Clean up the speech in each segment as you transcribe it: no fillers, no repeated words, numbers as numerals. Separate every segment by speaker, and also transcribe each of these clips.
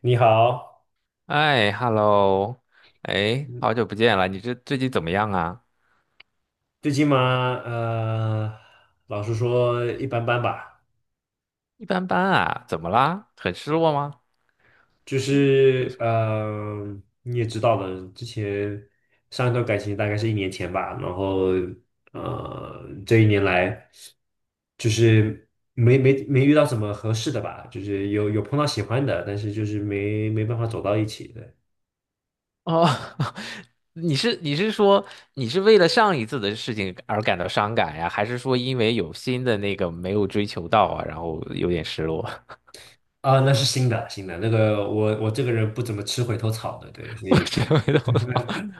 Speaker 1: 你好，
Speaker 2: 哎，hello，哎，好久不见了，你这最近怎么样啊？
Speaker 1: 最近嘛，呃，老实说一般般吧。
Speaker 2: 一般般啊，怎么啦？很失落吗？
Speaker 1: 就是你也知道的，之前上一段感情大概是一年前吧。然后这一年来就是没遇到什么合适的吧，就是有碰到喜欢的，但是就是没办法走到一起的。
Speaker 2: 哦，你是说为了上一次的事情而感到伤感呀，还是说因为有新的那个没有追求到啊，然后有点失落？
Speaker 1: 啊，那是新的那个，我这个人不怎么吃回头草的，对，所
Speaker 2: 我
Speaker 1: 以。
Speaker 2: 真没懂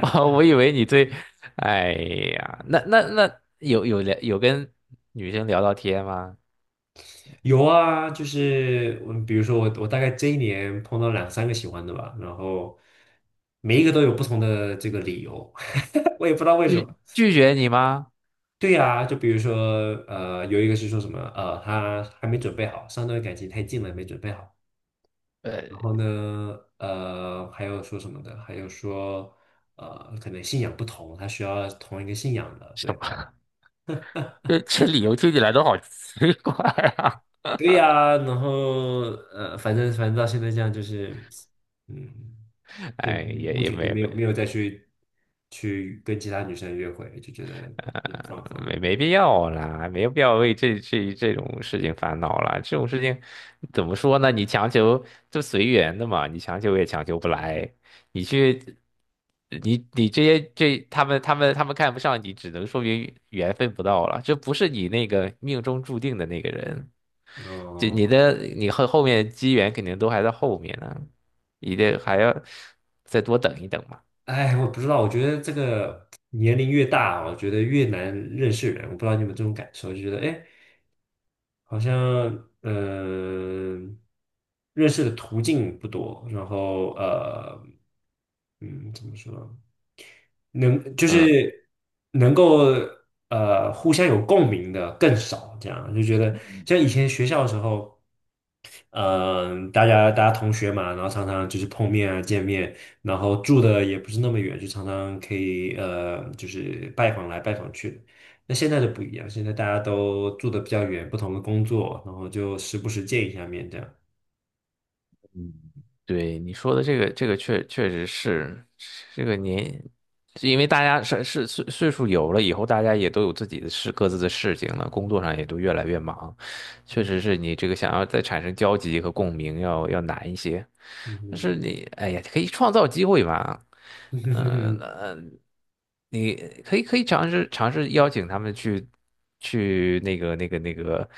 Speaker 2: 啊，我以为你对，哎呀，那有跟女生聊到天吗？
Speaker 1: 有啊，就是比如说我大概这一年碰到两三个喜欢的吧，然后每一个都有不同的这个理由，我也不知道为什么。
Speaker 2: 拒绝你吗？
Speaker 1: 对呀，就比如说有一个是说什么他还没准备好，上段感情太近了，没准备好。
Speaker 2: 呃，
Speaker 1: 然后呢，还有说什么的，还有说可能信仰不同，他需要同一个信仰的，
Speaker 2: 什
Speaker 1: 对。
Speaker 2: 么？这理由听起来都好奇怪啊！
Speaker 1: 对呀，然后反正到现在这样就是，嗯。也
Speaker 2: 哎，也
Speaker 1: 目
Speaker 2: 也
Speaker 1: 前就
Speaker 2: 没
Speaker 1: 没有
Speaker 2: 没，
Speaker 1: 没有再去跟其他女生约会，就觉得也
Speaker 2: 呃，
Speaker 1: 放放。
Speaker 2: 没必要啦，没有必要为这种事情烦恼啦。这种事情怎么说呢？你强求就随缘的嘛，你强求也强求不来。你去，你你这些这他们他们他们看不上你，只能说明缘分不到了，这不是你那个命中注定的那个人。就你
Speaker 1: 哦，
Speaker 2: 的你后后面机缘肯定都还在后面呢，你得还要再多等一等嘛。
Speaker 1: 哎，我不知道。我觉得这个年龄越大，我觉得越难认识人。我不知道你有没有这种感受，就觉得哎，好像嗯、呃认识的途径不多。然后怎么说，就
Speaker 2: 嗯
Speaker 1: 是能够互相有共鸣的更少，这样就觉得像以前学校的时候。嗯、大家同学嘛，然后常常就是碰面啊、见面，然后住的也不是那么远，就常常可以就是拜访来拜访去的。那现在就不一样，现在大家都住的比较远，不同的工作，然后就时不时见一下面这样。
Speaker 2: 嗯，对你说的这个确实是这个年，是因为大家是岁数有了以后，大家也都有自己的事各自的事情了，工作上也都越来越忙。确实是你这个想要再产生交集和共鸣要难一些，但是
Speaker 1: 嗯
Speaker 2: 你哎呀，可以创造机会嘛，嗯、
Speaker 1: 嗯。
Speaker 2: 呃，你可以尝试邀请他们去去那个，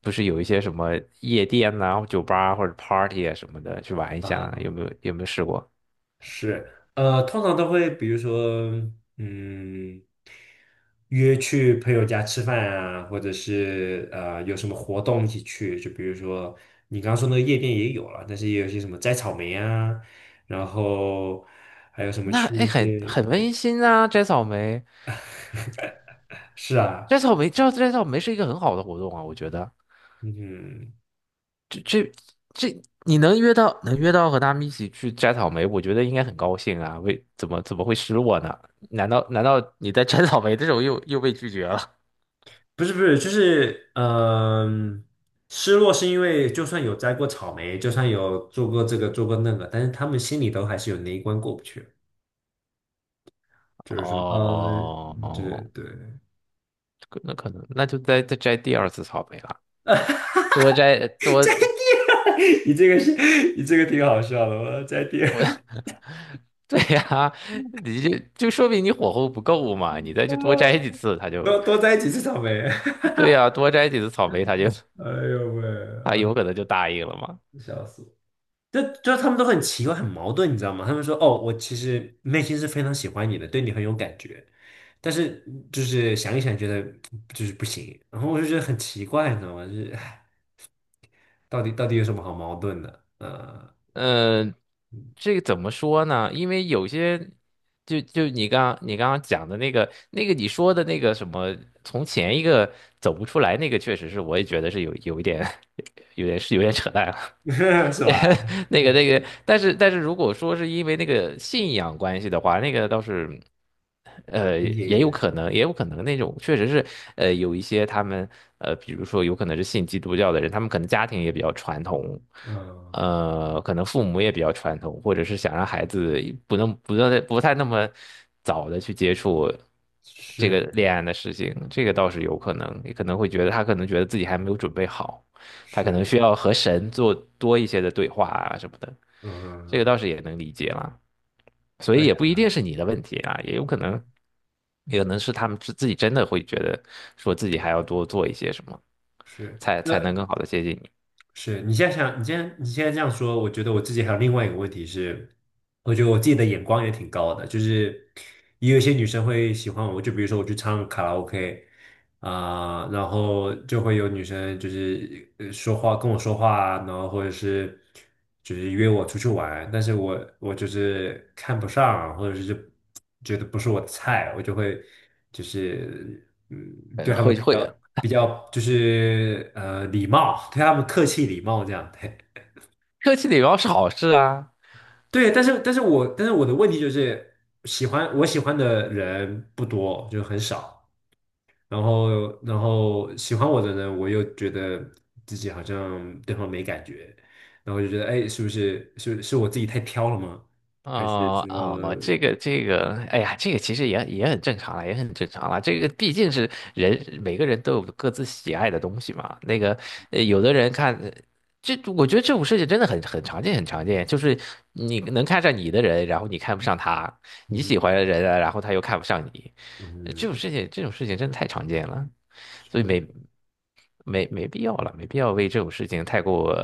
Speaker 2: 不是有一些什么夜店呐、酒吧啊或者 party 啊什么的去玩一 下，有没
Speaker 1: 啊
Speaker 2: 有有没有试过？
Speaker 1: 是。通常都会比如说，嗯，约去朋友家吃饭啊，或者是有什么活动一起去，就比如说你刚刚说那个夜店也有了，但是也有一些什么摘草莓啊，然后还有什么
Speaker 2: 那
Speaker 1: 去
Speaker 2: 哎
Speaker 1: 一
Speaker 2: 很
Speaker 1: 些。
Speaker 2: 很温馨啊，摘草莓，
Speaker 1: 是啊。
Speaker 2: 摘草莓，这摘草莓是一个很好的活动啊，我觉得。
Speaker 1: 嗯，
Speaker 2: 这你能约到能约到和他们一起去摘草莓，我觉得应该很高兴啊。为怎么会失落呢？难道你在摘草莓的时候又被拒绝了？
Speaker 1: 不是不是，就是失落是因为就算有摘过草莓，就算有做过这个做过那个，但是他们心里都还是有那一关过不去。就是
Speaker 2: 哦
Speaker 1: 说，啊，对
Speaker 2: 哦，
Speaker 1: 对。
Speaker 2: 可能那就再摘第二次草莓了，多摘多
Speaker 1: 你这个是，你这个挺好笑的，我要再听。
Speaker 2: 我 对呀、你就说明你火候不够嘛，你再去多摘几次，他 就
Speaker 1: 多多在几次草莓。
Speaker 2: 对呀、多摘几次草莓，他就
Speaker 1: 哎呦喂，
Speaker 2: 他
Speaker 1: 啊，
Speaker 2: 有可能就答应了嘛。
Speaker 1: 笑死我！就他们都很奇怪，很矛盾，你知道吗？他们说：“哦，我其实内心是非常喜欢你的，对你很有感觉，但是就是想一想，觉得就是不行。”然后我就觉得很奇怪，你知道吗？就是，唉，到底有什么好矛盾的？
Speaker 2: 嗯，这个怎么说呢？因为有些，就就你刚刚讲的那个你说的那个什么，从前一个走不出来那个，确实是我也觉得是有一点，有点扯淡了。
Speaker 1: 是吧？
Speaker 2: 但是如果说是因为那个信仰关系的话，那个倒是。呃，
Speaker 1: 理解一
Speaker 2: 也有
Speaker 1: 点，
Speaker 2: 可能，也有可能那种确实是，有一些他们，比如说有可能是信基督教的人，他们可能家庭也比较传统，
Speaker 1: 嗯，
Speaker 2: 可能父母也比较传统，或者是想让孩子不太那么早的去接触这
Speaker 1: 是
Speaker 2: 个恋爱的事情，这个倒是有可能，也可能会觉得他可能觉得自己还没有准备好，他可能
Speaker 1: 是。
Speaker 2: 需要和神做多一些的对话啊什么的，
Speaker 1: 嗯，嗯
Speaker 2: 这个
Speaker 1: 嗯，
Speaker 2: 倒是也能理解了。所
Speaker 1: 对，
Speaker 2: 以也不一定是你的问题啊，也有可能，也可能是他们自己真的会觉得说自己还要多做一些什么，
Speaker 1: 是。
Speaker 2: 才
Speaker 1: 那
Speaker 2: 能更好的接近你。
Speaker 1: 是你现在想，你现在这样说，我觉得我自己还有另外一个问题是，我觉得我自己的眼光也挺高的，就是也有一些女生会喜欢我，就比如说我去唱卡拉 OK，啊、然后就会有女生就是跟我说话啊，然后或者是就是约我出去玩。但是我就是看不上啊，或者是就觉得不是我的菜，我就会就是对
Speaker 2: 呃
Speaker 1: 他们
Speaker 2: 会
Speaker 1: 比
Speaker 2: 会，
Speaker 1: 较
Speaker 2: 呃
Speaker 1: 比较就是礼貌，对他们客气礼貌这样，对。
Speaker 2: 客气礼貌是好事啊，
Speaker 1: 对，但是我的问题就是喜欢我喜欢的人不多，就很少。然后喜欢我的人，我又觉得自己好像对方没感觉，然后就觉得哎，是不是我自己太挑了吗？还是
Speaker 2: 哦哦，
Speaker 1: 说，
Speaker 2: 哎呀，这个其实也很正常了，也很正常了。这个毕竟是人，每个人都有各自喜爱的东西嘛。那个，呃有的人看，这我觉得这种事情真的很常见，很常见。就是你能看上你的人，然后你看不上他；你喜
Speaker 1: 嗯
Speaker 2: 欢的人啊，然后他又看不上你。这种
Speaker 1: 嗯，
Speaker 2: 事情，这种事情真的太常见了，所以
Speaker 1: 是？
Speaker 2: 没必要了，没必要为这种事情太过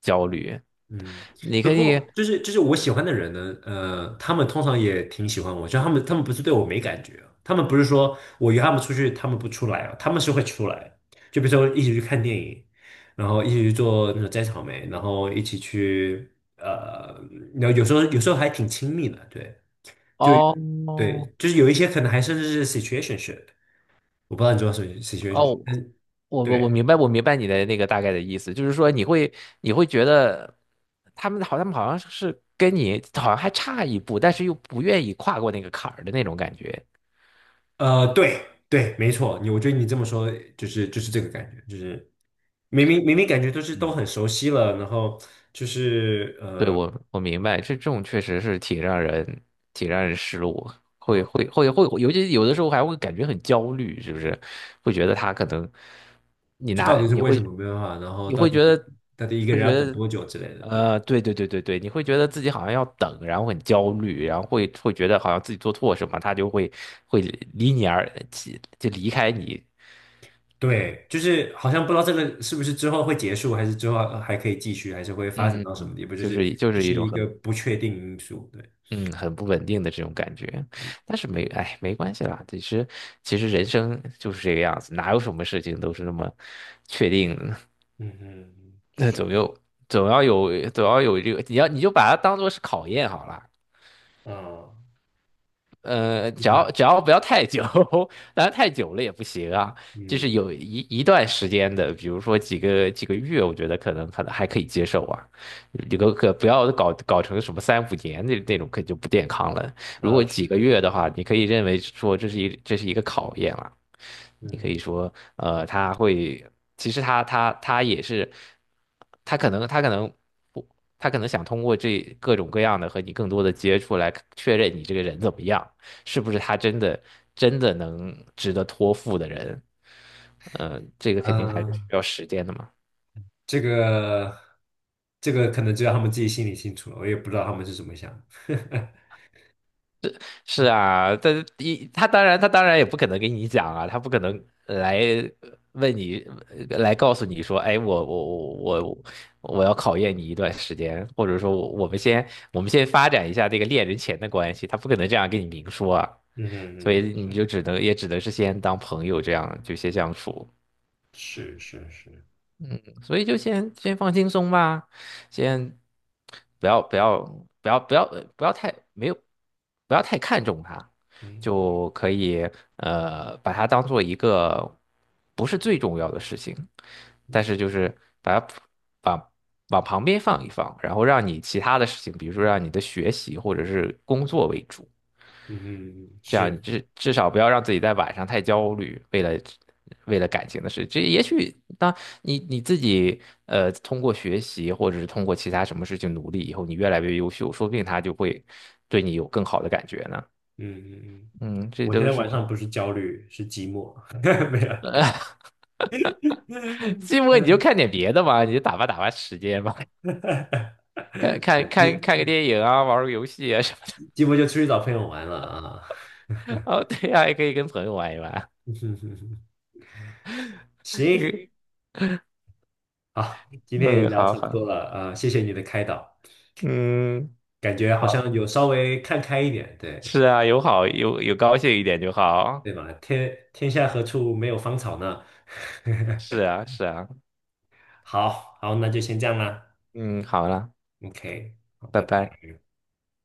Speaker 2: 焦虑。
Speaker 1: 嗯，
Speaker 2: 你
Speaker 1: 不
Speaker 2: 可以
Speaker 1: 过就是我喜欢的人呢，他们通常也挺喜欢我，就他们不是对我没感觉。他们不是说我约他们出去，他们不出来啊，他们是会出来，就比如说一起去看电影，然后一起去做那种摘草莓，然后一起去呃，然后有时候还挺亲密的，对。就
Speaker 2: 哦。
Speaker 1: 对，就是有一些可能还甚至是 situationship，我不知道你知道s i t u a t i o
Speaker 2: 哦，
Speaker 1: n s
Speaker 2: 我
Speaker 1: 对。
Speaker 2: 明白，我明白你的那个大概的意思，就是说你会觉得他们好，他们好像是跟你好像还差一步，但是又不愿意跨过那个坎儿的那种感觉。
Speaker 1: 对对，没错。你我觉得你这么说就是这个感觉，就是。明明感觉都
Speaker 2: 嗯。
Speaker 1: 很熟悉了，然后就是
Speaker 2: 对，我明白，这种确实是挺让人失落，会
Speaker 1: 嗯，
Speaker 2: 会会会，尤其有的时候还会感觉很焦虑，是不是？会觉得他可能你
Speaker 1: 就到
Speaker 2: 拿
Speaker 1: 底是
Speaker 2: 你
Speaker 1: 为什
Speaker 2: 会
Speaker 1: 么没办法，然后
Speaker 2: 你
Speaker 1: 到
Speaker 2: 会
Speaker 1: 底
Speaker 2: 觉得
Speaker 1: 到底一个
Speaker 2: 会
Speaker 1: 人要
Speaker 2: 觉
Speaker 1: 等
Speaker 2: 得
Speaker 1: 多久之类的，对
Speaker 2: 呃，对对对对对，你会觉得自己好像要等，然后很焦虑，然后会觉得好像自己做错什么，他就会离你而就离开你，
Speaker 1: 对。就是好像不知道这个是不是之后会结束，还是之后还可以继续，还是会发展
Speaker 2: 嗯，
Speaker 1: 到什么地步，就
Speaker 2: 就
Speaker 1: 是
Speaker 2: 是就
Speaker 1: 就
Speaker 2: 是一
Speaker 1: 是
Speaker 2: 种
Speaker 1: 一个
Speaker 2: 很
Speaker 1: 不确定因素，对。
Speaker 2: 不稳定的这种感觉，但是没，哎，没关系啦。其实，其实人生就是这个样子，哪有什么事情都是那么确定的？
Speaker 1: 嗯嗯
Speaker 2: 那总有，总要有，总要有这个，你就把它当做是考验好了。
Speaker 1: 嗯，嗯，是吧？
Speaker 2: 只要不要太久，当然太久了也不行啊。就
Speaker 1: 嗯，
Speaker 2: 是有一段时间的，比如说几个月，我觉得可能还可以接受啊。这个可不要搞成什么三五年那种，可就不健康了。如果
Speaker 1: 啊
Speaker 2: 几
Speaker 1: 是，
Speaker 2: 个月的话，你可以认为说这是一个考验了。你可
Speaker 1: 嗯
Speaker 2: 以说，他会，其实他也是，他可能他可能不，他可能想通过这各种各样的和你更多的接触来确认你这个人怎么样。是不是他真的能值得托付的人。这个肯定还是需
Speaker 1: 嗯。
Speaker 2: 要时间的嘛。
Speaker 1: 这个这个可能只有他们自己心里清楚了，我也不知道他们是怎么想的。
Speaker 2: 是啊，他当然也不可能跟你讲啊，他不可能来问你，来告诉你说，哎，我要考验你一段时间，或者说我们先发展一下这个恋人前的关系，他不可能这样跟你明说啊。
Speaker 1: 嗯
Speaker 2: 所
Speaker 1: 嗯嗯，
Speaker 2: 以你就
Speaker 1: 是
Speaker 2: 只能也只能是先当朋友这样就先相处。
Speaker 1: 是是是，
Speaker 2: 所以就先先放轻松吧，先不要不要不要不要呃不要太没有不要太看重它，
Speaker 1: 嗯
Speaker 2: 就可以把它当做一个不是最重要的事情，但
Speaker 1: 嗯
Speaker 2: 是就是把它往往旁边放一放，然后让你其他的事情，比如说让你的学习或者是工作为主。
Speaker 1: 嗯嗯，
Speaker 2: 这样你
Speaker 1: 是。
Speaker 2: 至少不要让自己在晚上太焦虑，为了感情的事。这也许当你自己通过学习或者是通过其他什么事情努力以后，你越来越优秀，说不定他就会对你有更好的感觉呢。
Speaker 1: 嗯嗯嗯，
Speaker 2: 嗯，这
Speaker 1: 我现
Speaker 2: 都
Speaker 1: 在
Speaker 2: 是
Speaker 1: 晚
Speaker 2: 不
Speaker 1: 上不是 焦虑，是寂寞。没有。
Speaker 2: 寂寞，你就看 点别的嘛，你就打发打发时间嘛，
Speaker 1: 哈，
Speaker 2: 看
Speaker 1: 对。
Speaker 2: 看看看个电影啊，玩个游戏啊什么的。
Speaker 1: 寂寞就出去找朋友玩了啊。
Speaker 2: 哦，对呀、也可以跟朋友玩一玩。
Speaker 1: 行，好，今天也
Speaker 2: 嗯，
Speaker 1: 聊
Speaker 2: 好
Speaker 1: 差不
Speaker 2: 好，
Speaker 1: 多了啊。谢谢你的开导。
Speaker 2: 嗯，
Speaker 1: 感觉好
Speaker 2: 好，
Speaker 1: 像有稍微看开一点。对，
Speaker 2: 是啊，有好有有高兴一点就好。
Speaker 1: 对吧？天下何处没有芳草呢？
Speaker 2: 是啊，是啊，
Speaker 1: 好好，那就先这样啦
Speaker 2: 嗯，好啦，
Speaker 1: ，OK，好，
Speaker 2: 拜
Speaker 1: 拜拜。
Speaker 2: 拜。